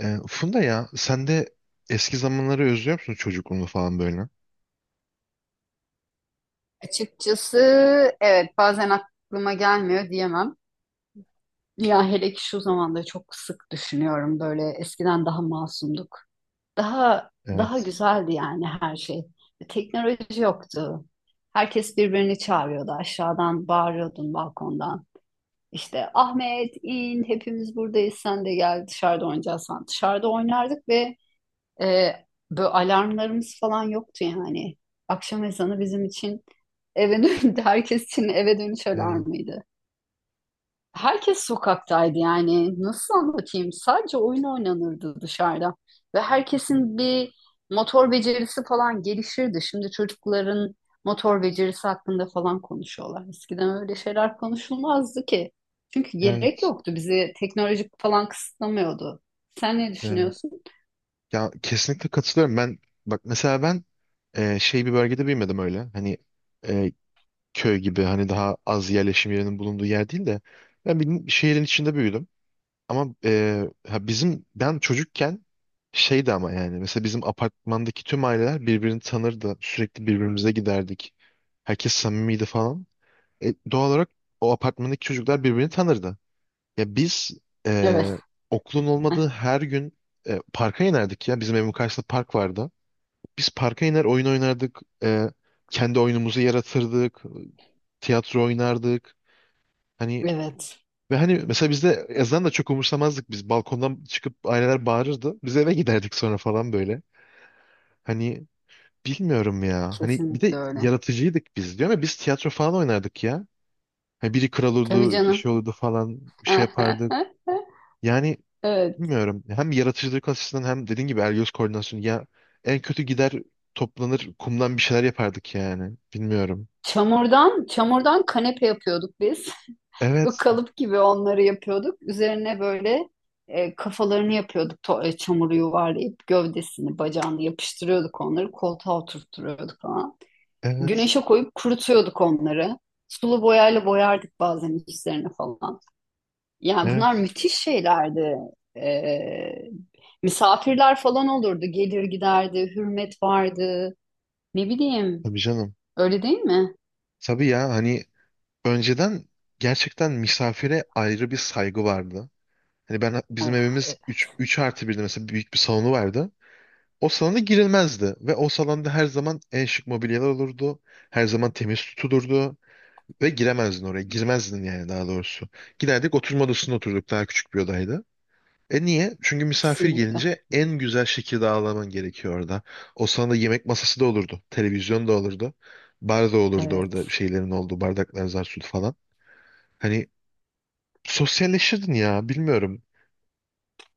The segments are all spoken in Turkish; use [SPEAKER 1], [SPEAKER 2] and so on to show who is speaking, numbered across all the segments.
[SPEAKER 1] Funda, ya sen de eski zamanları özlüyor musun, çocukluğunu falan böyle?
[SPEAKER 2] Açıkçası evet bazen aklıma gelmiyor diyemem. Ya hele ki şu zamanda çok sık düşünüyorum böyle eskiden daha masumduk. Daha daha
[SPEAKER 1] Evet.
[SPEAKER 2] güzeldi yani her şey. Teknoloji yoktu. Herkes birbirini çağırıyordu aşağıdan bağırıyordun balkondan. İşte Ahmet in hepimiz buradayız sen de gel dışarıda oynayacağız falan. Dışarıda oynardık ve e, böyle alarmlarımız falan yoktu yani. Akşam ezanı bizim için eve dönüş, herkes için eve dönüş
[SPEAKER 1] Evet.
[SPEAKER 2] alarmıydı. Herkes sokaktaydı yani. Nasıl anlatayım? Sadece oyun oynanırdı dışarıda. Ve herkesin bir motor becerisi falan gelişirdi. Şimdi çocukların motor becerisi hakkında falan konuşuyorlar. Eskiden öyle şeyler konuşulmazdı ki. Çünkü gerek
[SPEAKER 1] Evet.
[SPEAKER 2] yoktu. Bizi teknolojik falan kısıtlamıyordu. Sen ne
[SPEAKER 1] Evet.
[SPEAKER 2] düşünüyorsun?
[SPEAKER 1] Ya kesinlikle katılıyorum. Ben, bak mesela, ben şey bir bölgede büyümedim öyle. Hani, e, köy gibi, hani daha az yerleşim yerinin bulunduğu yer değil de ben bir şehrin içinde büyüdüm. Ama ha, bizim ben çocukken şeydi ama yani mesela bizim apartmandaki tüm aileler birbirini tanırdı. Sürekli birbirimize giderdik. Herkes samimiydi falan. Doğal olarak o apartmandaki çocuklar birbirini tanırdı. Ya biz, e,
[SPEAKER 2] Evet.
[SPEAKER 1] okulun olmadığı her gün parka inerdik ya. Bizim evin karşısında park vardı. Biz parka iner oyun oynardık. Kendi oyunumuzu yaratırdık. Tiyatro oynardık. Hani
[SPEAKER 2] Evet.
[SPEAKER 1] ve hani mesela bizde yazdan da çok umursamazdık biz. Balkondan çıkıp aileler bağırırdı. Biz eve giderdik sonra falan böyle. Hani, bilmiyorum ya. Hani bir de
[SPEAKER 2] Kesinlikle öyle.
[SPEAKER 1] yaratıcıydık biz diyor ama biz tiyatro falan oynardık ya. Ha, biri kral
[SPEAKER 2] Tabii
[SPEAKER 1] olurdu, bir
[SPEAKER 2] canım.
[SPEAKER 1] şey olurdu falan, bir şey yapardı. Yani
[SPEAKER 2] Evet.
[SPEAKER 1] bilmiyorum. Hem yaratıcılık açısından hem dediğin gibi el-göz koordinasyonu. Ya en kötü gider toplanır kumdan bir şeyler yapardık yani. Bilmiyorum.
[SPEAKER 2] Çamurdan kanepe yapıyorduk biz. Bu
[SPEAKER 1] Evet,
[SPEAKER 2] kalıp gibi onları yapıyorduk. Üzerine böyle kafalarını yapıyorduk. Çamuru yuvarlayıp gövdesini, bacağını yapıştırıyorduk onları. Koltuğa oturtturuyorduk falan.
[SPEAKER 1] evet,
[SPEAKER 2] Güneşe koyup kurutuyorduk onları. Sulu boyayla boyardık bazen üstlerine falan. Yani bunlar
[SPEAKER 1] evet.
[SPEAKER 2] müthiş şeylerdi. E, Misafirler falan olurdu. Gelir giderdi, hürmet vardı. Ne bileyim,
[SPEAKER 1] Tabii canım.
[SPEAKER 2] öyle değil mi?
[SPEAKER 1] Tabii ya, hani önceden gerçekten misafire ayrı bir saygı vardı. Hani ben, bizim
[SPEAKER 2] Of, evet,
[SPEAKER 1] evimiz 3 artı birde mesela, büyük bir salonu vardı. O salona girilmezdi ve o salonda her zaman en şık mobilyalar olurdu. Her zaman temiz tutulurdu. Ve giremezdin oraya. Girmezdin yani, daha doğrusu. Giderdik, oturma odasında oturduk. Daha küçük bir odaydı. E niye? Çünkü misafir
[SPEAKER 2] kesinlikle.
[SPEAKER 1] gelince en güzel şekilde ağırlaman gerekiyor orada. O sana da yemek masası da olurdu. Televizyon da olurdu. Bar da olurdu orada,
[SPEAKER 2] Evet.
[SPEAKER 1] şeylerin olduğu bardaklar, zar su falan. Hani sosyalleşirdin ya, bilmiyorum.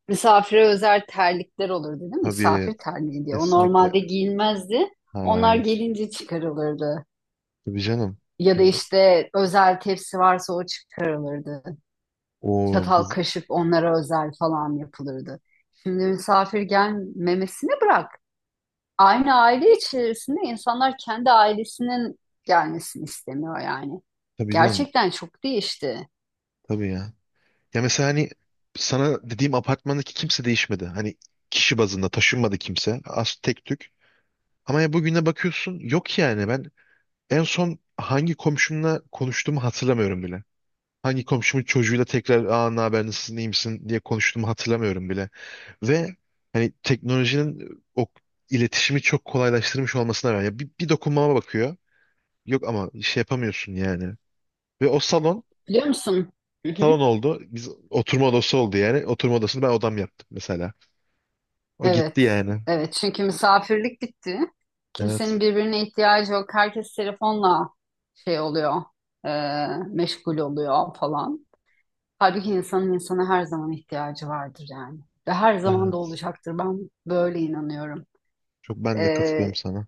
[SPEAKER 2] Misafire özel terlikler olurdu değil mi?
[SPEAKER 1] Tabii,
[SPEAKER 2] Misafir terliği diye. O
[SPEAKER 1] kesinlikle.
[SPEAKER 2] normalde giyilmezdi. Onlar
[SPEAKER 1] Hayır.
[SPEAKER 2] gelince çıkarılırdı.
[SPEAKER 1] Tabii canım.
[SPEAKER 2] Ya da
[SPEAKER 1] Hani,
[SPEAKER 2] işte özel tepsi varsa o çıkarılırdı.
[SPEAKER 1] o
[SPEAKER 2] Çatal
[SPEAKER 1] biz,
[SPEAKER 2] kaşık onlara özel falan yapılırdı. Şimdi misafir gelmemesini bırak. Aynı aile içerisinde insanlar kendi ailesinin gelmesini istemiyor yani.
[SPEAKER 1] tabii canım.
[SPEAKER 2] Gerçekten çok değişti.
[SPEAKER 1] Tabii ya. Ya mesela hani sana dediğim apartmandaki kimse değişmedi. Hani kişi bazında taşınmadı kimse. Az, tek tük. Ama ya bugüne bakıyorsun yok yani, ben en son hangi komşumla konuştuğumu hatırlamıyorum bile. Hangi komşumun çocuğuyla tekrar, aa, ne haber, nasılsın, iyi misin diye konuştuğumu hatırlamıyorum bile. Ve hani teknolojinin o iletişimi çok kolaylaştırmış olmasına rağmen ya bir dokunmama bakıyor. Yok ama şey yapamıyorsun yani. Ve o salon
[SPEAKER 2] Biliyor musun?
[SPEAKER 1] salon oldu. Biz oturma odası oldu yani. Oturma odasını ben odam yaptım mesela. O
[SPEAKER 2] Evet,
[SPEAKER 1] gitti yani.
[SPEAKER 2] evet. Çünkü misafirlik bitti. Kimsenin
[SPEAKER 1] Evet.
[SPEAKER 2] birbirine ihtiyacı yok. Herkes telefonla şey oluyor, e, meşgul oluyor falan. Halbuki insanın insana her zaman ihtiyacı vardır yani. Ve her zaman da
[SPEAKER 1] Evet.
[SPEAKER 2] olacaktır. Ben böyle inanıyorum.
[SPEAKER 1] Çok ben de
[SPEAKER 2] E,
[SPEAKER 1] katılıyorum sana.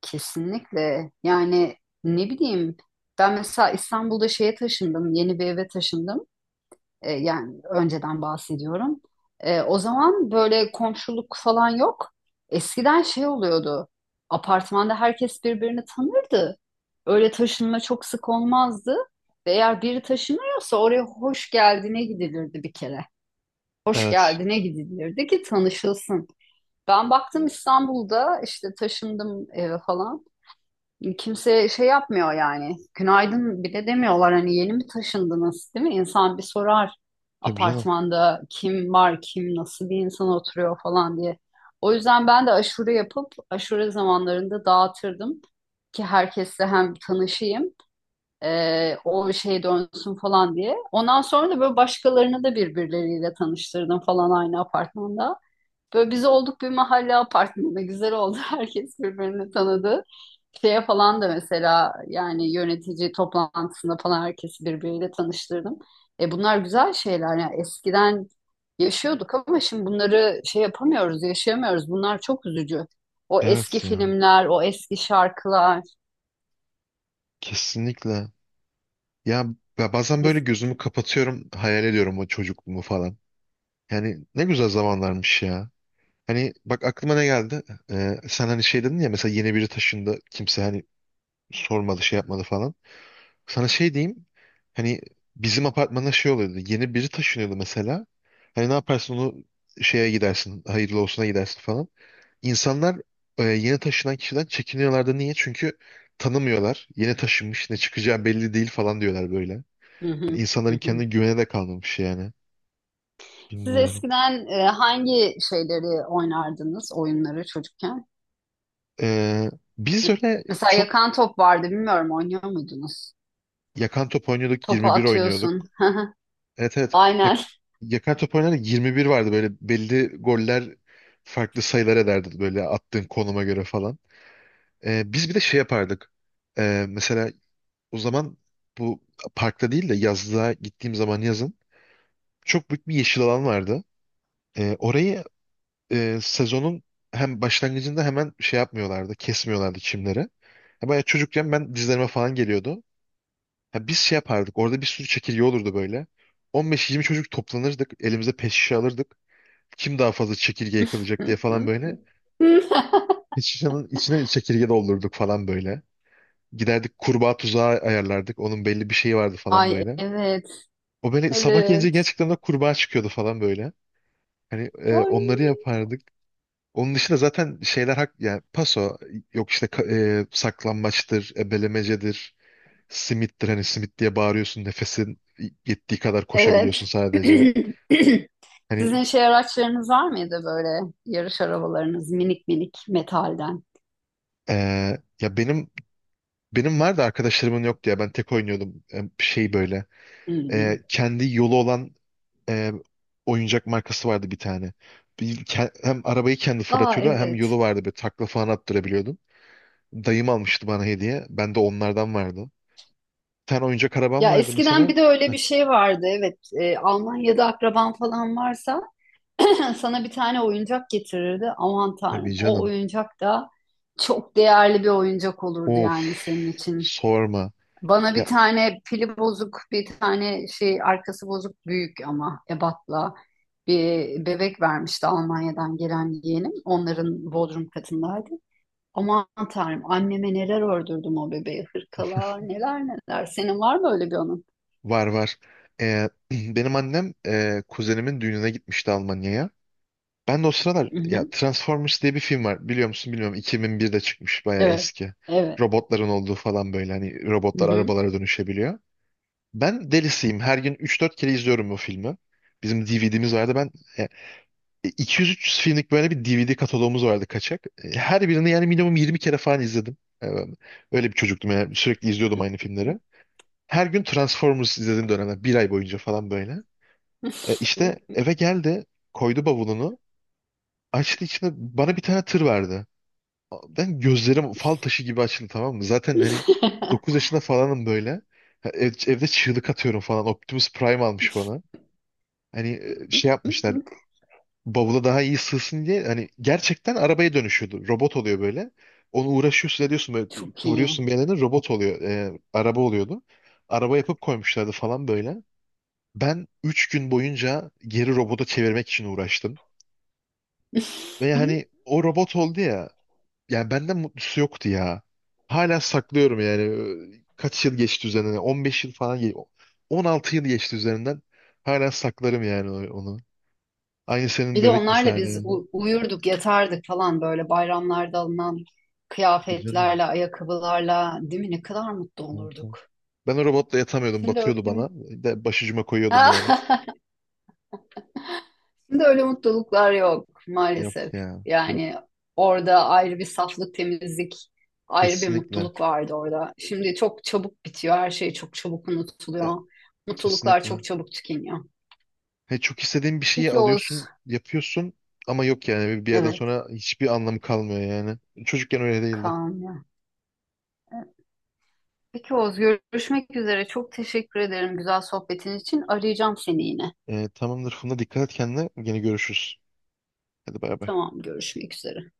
[SPEAKER 2] Kesinlikle. Yani ne bileyim. Ben mesela İstanbul'da şeye taşındım, yeni bir eve taşındım. E, yani önceden bahsediyorum. E, o zaman böyle komşuluk falan yok. Eskiden şey oluyordu. Apartmanda herkes birbirini tanırdı. Öyle taşınma çok sık olmazdı. Ve eğer biri taşınıyorsa oraya hoş geldine gidilirdi bir kere. Hoş
[SPEAKER 1] Evet.
[SPEAKER 2] geldine gidilirdi ki tanışılsın. Ben baktım İstanbul'da işte taşındım falan. Kimse şey yapmıyor yani. Günaydın bile demiyorlar. Hani yeni mi taşındınız, değil mi? İnsan bir sorar
[SPEAKER 1] Tabii canım.
[SPEAKER 2] apartmanda kim var, kim nasıl bir insan oturuyor falan diye. O yüzden ben de aşure yapıp aşure zamanlarında dağıtırdım ki herkesle hem tanışayım, o şey dönsün falan diye. Ondan sonra da böyle başkalarını da birbirleriyle tanıştırdım falan aynı apartmanda. Böyle biz olduk bir mahalle apartmanı. Güzel oldu. Herkes birbirini tanıdı. Şeye falan da mesela yani yönetici toplantısında falan herkesi birbiriyle tanıştırdım. Bunlar güzel şeyler. Yani eskiden yaşıyorduk ama şimdi bunları şey yapamıyoruz, yaşayamıyoruz. Bunlar çok üzücü. O eski
[SPEAKER 1] Evet ya.
[SPEAKER 2] filmler, o eski şarkılar.
[SPEAKER 1] Kesinlikle. Ya ya bazen böyle
[SPEAKER 2] Es-
[SPEAKER 1] gözümü kapatıyorum, hayal ediyorum o çocukluğumu falan. Yani ne güzel zamanlarmış ya. Hani bak, aklıma ne geldi? Sen hani şey dedin ya, mesela yeni biri taşındı. Kimse hani sormadı, şey yapmadı falan. Sana şey diyeyim. Hani bizim apartmana şey oluyordu. Yeni biri taşınıyordu mesela. Hani ne yaparsın? Onu şeye gidersin, hayırlı olsuna gidersin falan. İnsanlar yeni taşınan kişiden çekiniyorlardı. Niye? Çünkü tanımıyorlar. Yeni taşınmış, ne çıkacağı belli değil falan diyorlar böyle.
[SPEAKER 2] Hı
[SPEAKER 1] Yani
[SPEAKER 2] hı, hı
[SPEAKER 1] İnsanların
[SPEAKER 2] hı.
[SPEAKER 1] kendine güvene de kalmamış yani.
[SPEAKER 2] Siz
[SPEAKER 1] Bilmiyorum.
[SPEAKER 2] eskiden hangi şeyleri oynardınız, oyunları çocukken?
[SPEAKER 1] E, Biz öyle
[SPEAKER 2] Mesela
[SPEAKER 1] çok
[SPEAKER 2] yakan top vardı, bilmiyorum oynuyor muydunuz?
[SPEAKER 1] yakan top oynuyorduk,
[SPEAKER 2] Topu
[SPEAKER 1] 21
[SPEAKER 2] atıyorsun.
[SPEAKER 1] oynuyorduk. Evet, evet. Ya-
[SPEAKER 2] Aynen.
[SPEAKER 1] Yakan top oynardık, 21 vardı, böyle belli goller farklı sayılar ederdi böyle attığın konuma göre falan. Biz bir de şey yapardık. Mesela o zaman bu parkta değil de yazlığa gittiğim zaman, yazın çok büyük bir yeşil alan vardı. Orayı, sezonun hem başlangıcında hemen şey yapmıyorlardı, kesmiyorlardı çimleri. Ya bayağı çocukken ben, dizlerime falan geliyordu. Ya biz şey yapardık, orada bir sürü çekirge olurdu böyle. 15-20 çocuk toplanırdık, elimize pet şişe alırdık. Kim daha fazla çekirge yakalayacak diye falan böyle. Pet şişenin içine çekirge doldurduk falan böyle. Giderdik kurbağa tuzağı ayarlardık, onun belli bir şeyi vardı falan
[SPEAKER 2] Ay
[SPEAKER 1] böyle.
[SPEAKER 2] evet.
[SPEAKER 1] O böyle sabah gelince
[SPEAKER 2] Evet.
[SPEAKER 1] gerçekten de kurbağa çıkıyordu falan böyle. Hani
[SPEAKER 2] Ay.
[SPEAKER 1] onları yapardık. Onun dışında zaten şeyler hak yani paso yok işte, saklambaçtır, ebelemecedir, simittir, hani simit diye bağırıyorsun nefesin yettiği kadar koşabiliyorsun
[SPEAKER 2] Evet.
[SPEAKER 1] sadece. Hani
[SPEAKER 2] Sizin şey araçlarınız var mıydı böyle yarış arabalarınız minik minik metalden?
[SPEAKER 1] e, ya benim vardı, arkadaşlarımın yok diye ben tek oynuyordum. Şey böyle,
[SPEAKER 2] Hmm.
[SPEAKER 1] kendi yolu olan e, oyuncak markası vardı bir tane. Hem arabayı kendi
[SPEAKER 2] Aa
[SPEAKER 1] fırlatıyordu hem
[SPEAKER 2] evet.
[SPEAKER 1] yolu vardı, böyle takla falan attırabiliyordum. Dayım almıştı bana hediye. Bende onlardan vardı. Bir tane oyuncak arabam
[SPEAKER 2] Ya
[SPEAKER 1] vardı
[SPEAKER 2] eskiden
[SPEAKER 1] mesela.
[SPEAKER 2] bir de öyle bir şey vardı. Evet, Almanya'da akraban falan varsa sana bir tane oyuncak getirirdi. Aman
[SPEAKER 1] Tabii
[SPEAKER 2] Tanrım, o
[SPEAKER 1] canım.
[SPEAKER 2] oyuncak da çok değerli bir oyuncak olurdu
[SPEAKER 1] Of,
[SPEAKER 2] yani senin için.
[SPEAKER 1] sorma.
[SPEAKER 2] Bana bir
[SPEAKER 1] Ya,
[SPEAKER 2] tane pili bozuk, bir tane şey arkası bozuk büyük ama ebatla bir bebek vermişti Almanya'dan gelen yeğenim. Onların bodrum katındaydı. Aman Tanrım anneme neler ördürdüm o bebeğe. Hırkalar neler neler. Senin var mı öyle bir onun?
[SPEAKER 1] var, var. Benim annem kuzenimin düğününe gitmişti Almanya'ya. Ben de o sıralar,
[SPEAKER 2] Hı
[SPEAKER 1] ya,
[SPEAKER 2] hı.
[SPEAKER 1] Transformers diye bir film var. Biliyor musun bilmiyorum. 2001'de çıkmış, bayağı
[SPEAKER 2] Evet.
[SPEAKER 1] eski.
[SPEAKER 2] Evet.
[SPEAKER 1] Robotların olduğu falan, böyle hani
[SPEAKER 2] Hı
[SPEAKER 1] robotlar
[SPEAKER 2] hı.
[SPEAKER 1] arabalara dönüşebiliyor. Ben delisiyim. Her gün 3-4 kere izliyorum bu filmi. Bizim DVD'miz vardı. Ben e, 200-300 filmlik böyle bir DVD kataloğumuz vardı, kaçak. Her birini yani minimum 20 kere falan izledim. Ben öyle bir çocuktum yani, sürekli izliyordum aynı filmleri. Her gün Transformers izlediğim dönemler, bir ay boyunca falan böyle. İşte eve geldi, koydu bavulunu, açtı içine, bana bir tane tır verdi. Ben gözlerim fal taşı gibi açıldı, tamam mı? Zaten hani 9 yaşında falanım böyle. Ha, evde çığlık atıyorum falan. Optimus Prime almış bana. Hani şey yapmışlar, bavula daha iyi sığsın diye, hani gerçekten arabaya dönüşüyordu. Robot oluyor böyle. Onu uğraşıyorsun, ediyorsun böyle,
[SPEAKER 2] Çok iyi.
[SPEAKER 1] kıvırıyorsun bir yerlerine, robot oluyor. Araba oluyordu. Araba yapıp koymuşlardı falan böyle. Ben 3 gün boyunca geri robota çevirmek için uğraştım. Ve hani o robot oldu ya. Yani benden mutlusu yoktu ya. Hala saklıyorum yani. Kaç yıl geçti üzerinden? 15 yıl falan. 16 yıl geçti üzerinden. Hala saklarım yani onu. Aynı senin
[SPEAKER 2] Bir de
[SPEAKER 1] bebek
[SPEAKER 2] onlarla
[SPEAKER 1] misali
[SPEAKER 2] biz
[SPEAKER 1] yani.
[SPEAKER 2] uyurduk, yatardık falan böyle bayramlarda alınan
[SPEAKER 1] Tabii canım.
[SPEAKER 2] kıyafetlerle, ayakkabılarla, değil mi? Ne kadar mutlu olurduk.
[SPEAKER 1] Ben o robotla yatamıyordum.
[SPEAKER 2] Şimdi öyle
[SPEAKER 1] Batıyordu
[SPEAKER 2] değil
[SPEAKER 1] bana.
[SPEAKER 2] mi?
[SPEAKER 1] De başucuma koyuyordum yani.
[SPEAKER 2] Şimdi öyle mutluluklar yok
[SPEAKER 1] Yok
[SPEAKER 2] maalesef.
[SPEAKER 1] ya. Yok.
[SPEAKER 2] Yani orada ayrı bir saflık, temizlik, ayrı bir
[SPEAKER 1] Kesinlikle.
[SPEAKER 2] mutluluk vardı orada. Şimdi çok çabuk bitiyor, her şey çok çabuk
[SPEAKER 1] E,
[SPEAKER 2] unutuluyor. Mutluluklar
[SPEAKER 1] Kesinlikle.
[SPEAKER 2] çok çabuk tükeniyor.
[SPEAKER 1] He, çok istediğin bir şeyi
[SPEAKER 2] Peki Oğuz.
[SPEAKER 1] alıyorsun, yapıyorsun ama yok yani. Bir yerden
[SPEAKER 2] Evet,
[SPEAKER 1] sonra hiçbir anlamı kalmıyor yani. Çocukken öyle değildi.
[SPEAKER 2] Kaan. Peki Oğuz, görüşmek üzere. Çok teşekkür ederim güzel sohbetin için. Arayacağım seni yine.
[SPEAKER 1] Tamamdır Funda. Dikkat et kendine. Yine görüşürüz. Hadi, bay bay.
[SPEAKER 2] Tamam, görüşmek üzere.